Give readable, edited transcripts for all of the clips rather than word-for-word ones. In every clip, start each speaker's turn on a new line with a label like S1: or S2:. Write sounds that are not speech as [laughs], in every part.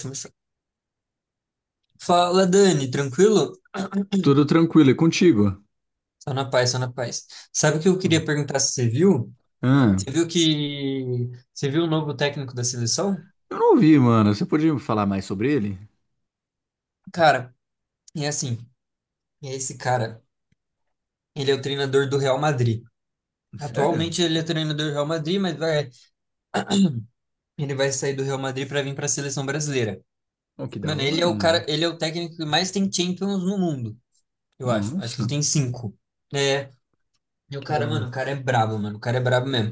S1: Começar. Fala, Dani, tranquilo?
S2: Tudo tranquilo, e contigo?
S1: Só na paz, só na paz. Sabe o que eu
S2: Hum.
S1: queria perguntar se você viu?
S2: Ah,
S1: Você viu que Você viu o novo técnico da seleção?
S2: eu não ouvi, mano. Você podia me falar mais sobre ele?
S1: Cara, é assim, é esse cara. Ele é o treinador do Real Madrid.
S2: Sério?
S1: Atualmente ele é treinador do Real Madrid, ele vai sair do Real Madrid para vir para a seleção brasileira.
S2: Oh, que da
S1: Mano, ele é
S2: hora,
S1: o cara,
S2: mano.
S1: ele é o técnico que mais tem Champions no mundo, eu acho. Acho que ele
S2: Nossa.
S1: tem cinco. É. E o
S2: Que da
S1: cara,
S2: hora.
S1: mano, o cara é brabo, mano. O cara é brabo mesmo.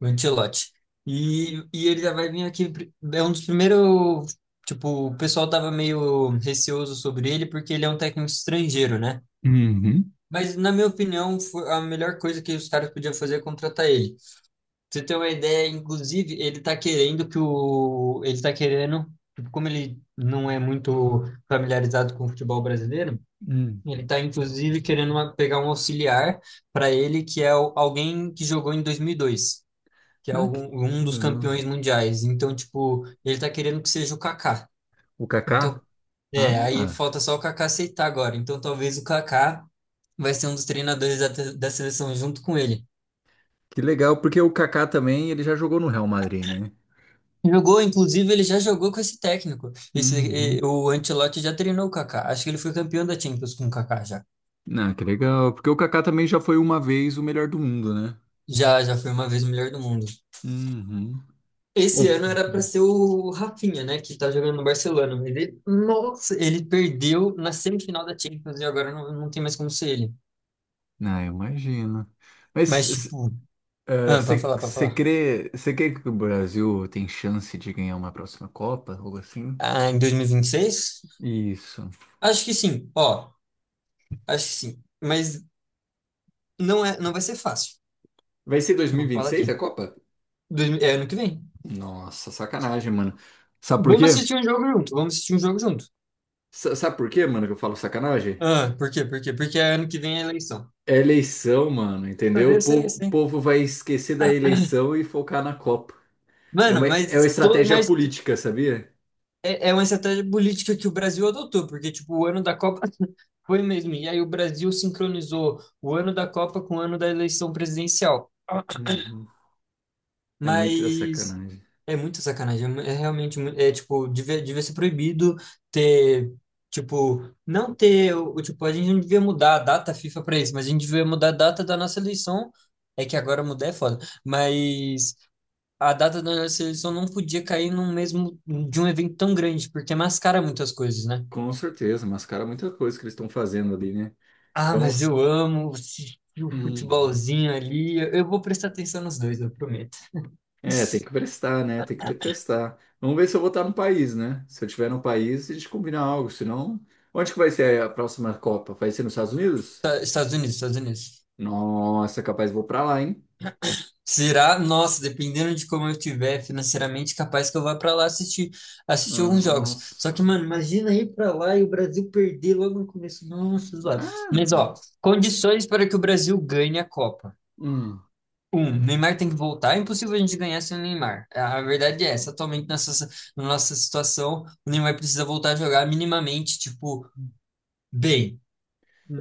S1: O Ancelotti. E ele já vai vir aqui. É um dos primeiros. Tipo, o pessoal tava meio receoso sobre ele porque ele é um técnico estrangeiro, né?
S2: Uhum.
S1: Mas, na minha opinião, foi a melhor coisa que os caras podiam fazer é contratar ele. Pra você ter uma ideia, inclusive, ele tá querendo que o. Ele tá querendo. Tipo, como ele não é muito familiarizado com o futebol brasileiro,
S2: Hum.
S1: ele está, inclusive, querendo pegar um auxiliar para ele, alguém que jogou em 2002, que é
S2: Ah, que,
S1: um
S2: que
S1: dos
S2: legal.
S1: campeões mundiais. Então, tipo, ele está querendo que seja o Kaká.
S2: O Kaká?
S1: Então, é, aí
S2: Ah.
S1: falta só o Kaká aceitar agora. Então, talvez o Kaká vai ser um dos treinadores da seleção junto com ele.
S2: Que legal, porque o Kaká também, ele já jogou no Real Madrid, né?
S1: Jogou, inclusive, ele já jogou com esse técnico.
S2: Uhum.
S1: O Ancelotti já treinou o Kaká. Acho que ele foi campeão da Champions com o Kaká já.
S2: Ah, que legal. Porque o Kaká também já foi uma vez o melhor do mundo, né?
S1: Já foi uma vez o melhor do mundo.
S2: Uhum.
S1: Esse
S2: Ou-
S1: ano era para ser o Rafinha, né, que tá jogando no Barcelona. Mas ele, nossa, ele perdeu na semifinal da Champions e agora não tem mais como ser ele.
S2: Ah, eu imagino. Mas
S1: Mas,
S2: s-
S1: tipo, para
S2: Você
S1: falar, para falar.
S2: você crê que o Brasil tem chance de ganhar uma próxima Copa, algo assim?
S1: Ah, em 2026?
S2: Isso.
S1: Acho que sim, ó, acho que sim. Mas não vai ser fácil.
S2: Vai ser
S1: Eu vou falar
S2: 2026 a
S1: aqui.
S2: Copa?
S1: É ano que vem.
S2: Nossa, sacanagem, mano. Sabe por
S1: Vamos
S2: quê?
S1: assistir um jogo junto, vamos assistir um jogo junto.
S2: Sabe por quê, mano, que eu falo sacanagem?
S1: Ah, por quê? Por quê? Porque é ano que vem é eleição.
S2: É eleição, mano,
S1: Ah,
S2: entendeu? O
S1: eu sei,
S2: povo,
S1: eu
S2: o
S1: sei.
S2: povo vai esquecer da eleição e focar na Copa. É
S1: Mano,
S2: uma, é uma
S1: mas, to,
S2: estratégia
S1: mas
S2: política, sabia?
S1: É, é uma estratégia política que o Brasil adotou, porque, tipo, o ano da Copa [laughs] foi mesmo. E aí o Brasil sincronizou o ano da Copa com o ano da eleição presidencial.
S2: Uhum. É muita
S1: Mas
S2: sacanagem.
S1: é muita sacanagem. É realmente, é, tipo, devia ser proibido ter, tipo, não ter, tipo, a gente não devia mudar a data FIFA para isso, mas a gente devia mudar a data da nossa eleição. É que agora mudar é foda. Mas a data da nossa eleição não podia cair no mesmo, de um evento tão grande, porque mascara muitas coisas, né?
S2: Com certeza, mascara muita coisa que eles estão fazendo ali, né?
S1: Ah,
S2: Então.
S1: mas eu amo assistir o
S2: Uhum.
S1: futebolzinho ali. Eu vou prestar atenção nos dois, eu prometo.
S2: É, tem
S1: Esta-
S2: que prestar, né? Tem que ter prestar. Vamos ver se eu vou estar no país, né? Se eu estiver no país, a gente combina algo. Senão, onde que vai ser a próxima Copa? Vai ser nos Estados Unidos?
S1: Estados Unidos, Estados Unidos.
S2: Nossa, capaz vou pra lá, hein?
S1: Será? Nossa, dependendo de como eu estiver financeiramente, capaz que eu vá pra lá assistir, alguns jogos. Só que,
S2: Nossa.
S1: mano, imagina ir pra lá e o Brasil perder logo no começo. Nossa, zoado.
S2: Ah,
S1: Mas,
S2: não.
S1: ó, condições para que o Brasil ganhe a Copa.
S2: Hum.
S1: Neymar tem que voltar. É impossível a gente ganhar sem o Neymar. A verdade é essa. Atualmente, na nossa situação, o Neymar precisa voltar a jogar minimamente, tipo, bem.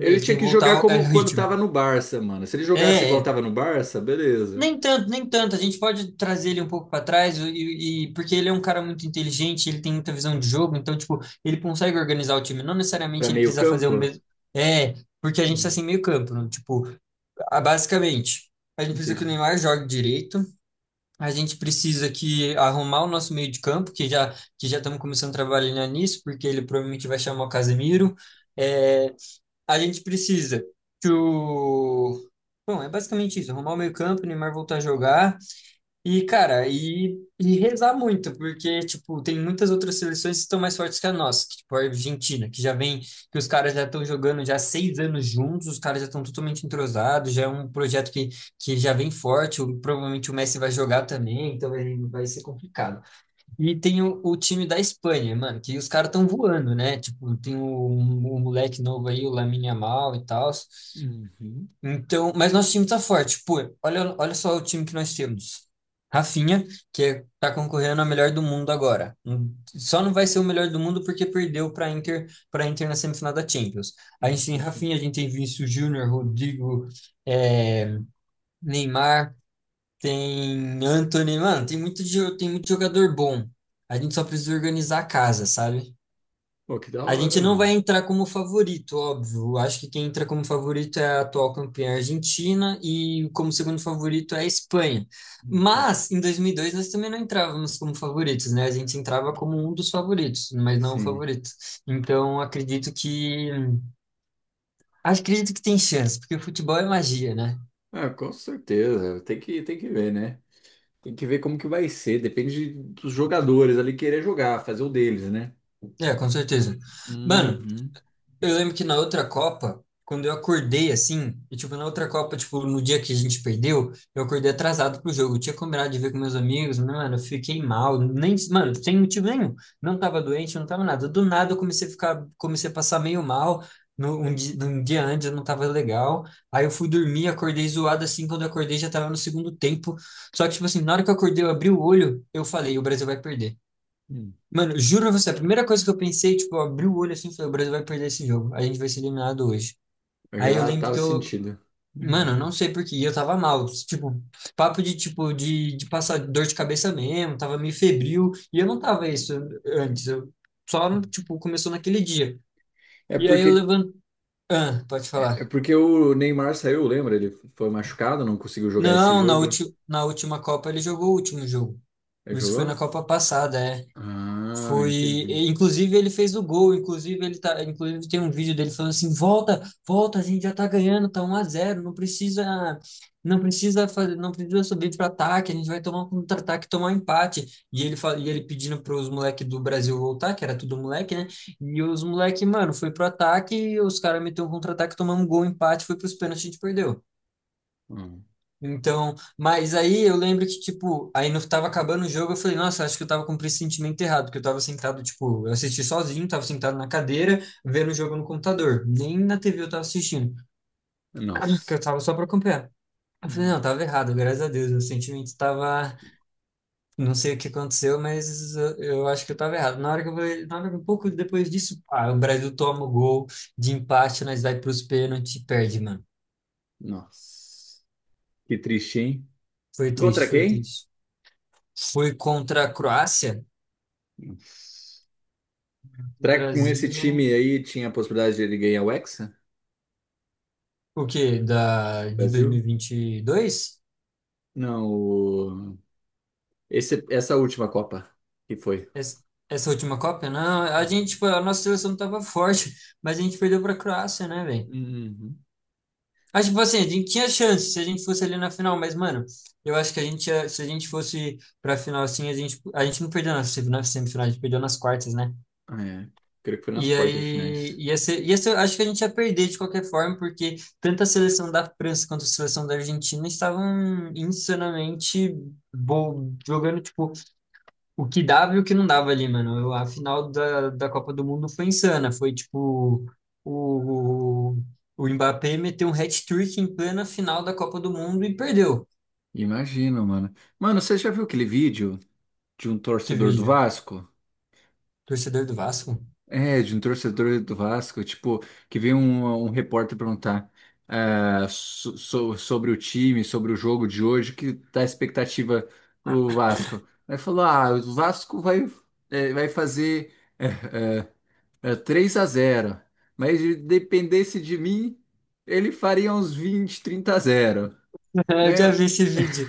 S2: Ele
S1: Ele tem
S2: tinha
S1: que
S2: que
S1: voltar
S2: jogar
S1: ao
S2: como quando
S1: ritmo.
S2: tava no Barça, mano. Se ele jogasse
S1: É,
S2: igual
S1: é.
S2: tava no Barça, beleza.
S1: Nem tanto, nem tanto. A gente pode trazer ele um pouco para trás, porque ele é um cara muito inteligente, ele tem muita visão de jogo, então, tipo, ele consegue organizar o time. Não
S2: Pra
S1: necessariamente ele
S2: meio
S1: precisa fazer o
S2: campo?
S1: mesmo. É, porque a gente tá
S2: Hum.
S1: sem meio campo, né? Tipo, basicamente, a gente precisa que o
S2: Entendi.
S1: Neymar jogue direito. A gente precisa que arrumar o nosso meio de campo, que já estamos começando a trabalhar nisso, porque ele provavelmente vai chamar o Casemiro. É, a gente precisa que o. Bom, é basicamente isso, arrumar o meio campo, o Neymar voltar a jogar, e, cara, e rezar muito, porque, tipo, tem muitas outras seleções que estão mais fortes que a nossa, que, tipo, a Argentina, que já vem, que os caras já estão jogando já há 6 anos juntos, os caras já estão totalmente entrosados, já é um projeto que já vem forte, provavelmente o Messi vai jogar também, então vai ser complicado. E tem o time da Espanha, mano, que os caras estão voando, né? Tipo, tem o moleque novo aí, o Lamine Yamal e tal,
S2: Uhum.
S1: então, mas nosso time tá forte. Pô, olha, olha só o time que nós temos. Rafinha, tá concorrendo a melhor do mundo agora. Só não vai ser o melhor do mundo porque perdeu para Inter na semifinal da Champions. A gente tem
S2: Entendi.
S1: Rafinha, a gente tem Vinícius Júnior, Rodrigo, é, Neymar, tem Antony, mano, tem muito jogador bom. A gente só precisa organizar a casa, sabe?
S2: Pô, que da
S1: A
S2: hora,
S1: gente não vai
S2: mano.
S1: entrar como favorito, óbvio. Acho que quem entra como favorito é a atual campeã argentina e como segundo favorito é a Espanha.
S2: Uhum.
S1: Mas em 2002 nós também não entrávamos como favoritos, né? A gente entrava como um dos favoritos, mas não o
S2: Sim.
S1: favorito. Então acredito que tem chance, porque futebol é magia, né?
S2: Ah, com certeza. Tem que ver, né? Tem que ver como que vai ser. Depende dos jogadores ali querer jogar, fazer o deles, né?
S1: É, com certeza. Mano,
S2: Uhum.
S1: eu lembro que na outra Copa, quando eu acordei assim, e tipo, na outra Copa, tipo, no dia que a gente perdeu, eu acordei atrasado pro jogo. Eu tinha combinado de ver com meus amigos, mas, mano, eu fiquei mal, nem, mano, sem motivo nenhum. Não tava doente, não tava nada. Do nada eu comecei a passar meio mal. No, um, di- Um dia antes eu não tava legal. Aí eu fui dormir, acordei zoado assim. Quando eu acordei já tava no segundo tempo. Só que, tipo assim, na hora que eu acordei, eu abri o olho, eu falei: o Brasil vai perder.
S2: Hum.
S1: Mano, juro pra você, a primeira coisa que eu pensei, tipo, eu abri o olho assim, e falei, o Brasil vai perder esse jogo. A gente vai ser eliminado hoje.
S2: Eu
S1: Aí eu
S2: já
S1: lembro
S2: tava
S1: que eu,
S2: sentindo.
S1: mano, eu não
S2: Uhum.
S1: sei por quê, eu tava mal, tipo, papo de tipo de passar dor de cabeça mesmo, tava meio febril, e eu não tava isso antes, eu só tipo começou naquele dia.
S2: É
S1: E aí
S2: porque,
S1: eu levanto, ah, pode
S2: é
S1: falar.
S2: porque o Neymar saiu, lembra? Ele foi machucado, não conseguiu jogar esse
S1: Não, na
S2: jogo.
S1: última na última Copa ele jogou o último jogo.
S2: Ele
S1: Isso foi na
S2: jogou?
S1: Copa passada, é.
S2: Ah,
S1: Foi,
S2: entendi.
S1: inclusive ele fez o gol, inclusive ele tá, inclusive tem um vídeo dele falando assim: "Volta, volta, a gente já tá ganhando, tá 1-0, não precisa fazer, não precisa subir para ataque, a gente vai tomar um contra-ataque, tomar um empate". E ele pedindo para os moleque do Brasil voltar, que era tudo moleque, né? E os moleque, mano, foi pro ataque, os caras meteu um contra-ataque, tomamos um gol, um empate, foi pros pênaltis, a gente perdeu.
S2: Hum.
S1: Então, mas aí eu lembro que, tipo, aí no, tava acabando o jogo, eu falei, nossa, acho que eu tava com o pressentimento errado, porque eu tava sentado, tipo, eu assisti sozinho, tava sentado na cadeira, vendo o jogo no computador. Nem na TV eu tava assistindo, [clears throat] porque
S2: Nossa.
S1: eu tava só pra acompanhar. Eu falei,
S2: Uhum.
S1: não, tava errado, graças a Deus, o sentimento tava, não sei o que aconteceu, mas eu acho que eu tava errado. Na hora que eu falei, um pouco depois disso, pá, o Brasil toma o gol de empate, nós vai pros pênaltis e perde, mano.
S2: Nossa. Que triste, hein?
S1: Foi
S2: Contra
S1: triste, foi
S2: quem?
S1: triste. Foi contra a Croácia,
S2: Nossa. Será que com esse
S1: Brasil.
S2: time aí tinha a possibilidade de ele ganhar o Hexa?
S1: O quê? De
S2: Brasil?
S1: 2022?
S2: Não. Essa última Copa que foi.
S1: Essa, essa última Copa? Não, a gente, tipo, a nossa seleção tava [laughs] forte, mas a gente perdeu pra Croácia, né, velho?
S2: Uhum.
S1: Acho tipo assim, a gente tinha chance se a gente fosse ali na final, mas, mano, eu acho que se a gente fosse pra final assim, a gente não perdeu na, sem- na semifinal, a gente perdeu nas quartas, né?
S2: Ah, é, creio que foi nas
S1: E
S2: quartas de
S1: aí,
S2: finais.
S1: ia ser, acho que a gente ia perder de qualquer forma, porque tanto a seleção da França quanto a seleção da Argentina estavam insanamente jogando, tipo, o que dava e o que não dava ali, mano. A final da Copa do Mundo foi insana. Foi, tipo, o, o Mbappé meteu um hat-trick em plena final da Copa do Mundo e perdeu.
S2: Imagino, mano. Mano, você já viu aquele vídeo de um
S1: Que
S2: torcedor do
S1: vídeo.
S2: Vasco?
S1: Torcedor do Vasco?
S2: É, de um torcedor do Vasco, tipo, que veio um repórter perguntar, sobre o time, sobre o jogo de hoje, que tá a expectativa do Vasco. Aí falou: ah, o Vasco vai fazer. [laughs] Eh, É 3 a zero. Mas se dependesse de mim, ele faria uns 20, 30 a zero.
S1: [laughs] Eu
S2: Né?
S1: já vi esse vídeo.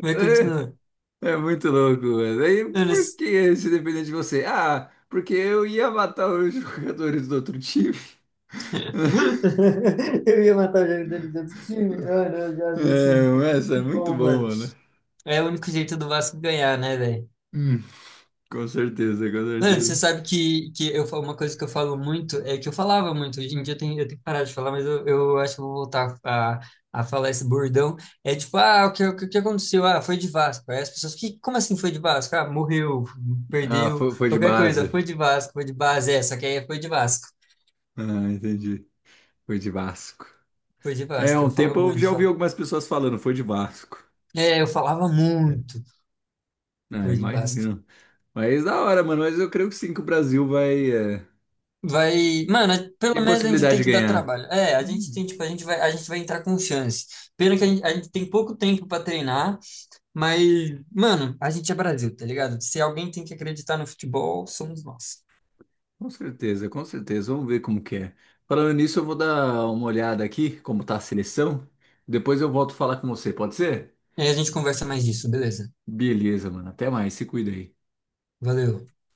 S1: Mas continua.
S2: É muito louco, mano. Aí,
S1: Mano,
S2: por que se depender de você? Ah, porque eu ia matar os [laughs] jogadores do outro time. [laughs]
S1: [laughs] eu ia matar o jogador de outro time. Mano, eu já vi esse
S2: É,
S1: vídeo. É
S2: mas é
S1: muito
S2: muito
S1: bom,
S2: bom,
S1: mano.
S2: mano.
S1: É o único jeito do Vasco ganhar, né, velho?
S2: Hum, com certeza, com
S1: Mano, você
S2: certeza.
S1: sabe que uma coisa que eu falo muito é que eu falava muito. Hoje em dia eu tenho que parar de falar, mas eu acho que eu vou voltar a, falar esse bordão. É tipo, o que aconteceu? Ah, foi de Vasco. Aí as pessoas, como assim foi de Vasco? Ah, morreu,
S2: Ah,
S1: perdeu,
S2: foi de
S1: qualquer coisa.
S2: base.
S1: Foi de Vasco, foi de base. É, só que aí é, foi de Vasco.
S2: Ah, entendi. Foi de Vasco.
S1: Foi de
S2: É,
S1: Vasco, eu
S2: um
S1: falo
S2: tempo eu
S1: muito.
S2: já ouvi algumas pessoas falando, foi de Vasco.
S1: É, eu falava muito.
S2: Ah,
S1: Fui de Vasco.
S2: imagina. Mas da hora, mano. Mas eu creio que sim, que o Brasil vai é,
S1: Vai, mano, pelo
S2: ter
S1: menos a gente
S2: possibilidade
S1: tem
S2: de
S1: que dar
S2: ganhar.
S1: trabalho. É, a gente
S2: Hum,
S1: tem, tipo, a gente vai entrar com chance. Pena que a gente tem pouco tempo pra treinar, mas, mano, a gente é Brasil, tá ligado? Se alguém tem que acreditar no futebol, somos nós.
S2: com certeza, com certeza. Vamos ver como que é. Falando nisso, eu vou dar uma olhada aqui, como tá a seleção. Depois eu volto a falar com você, pode ser?
S1: E aí a gente conversa mais disso, beleza?
S2: Beleza, mano. Até mais. Se cuida aí.
S1: Valeu.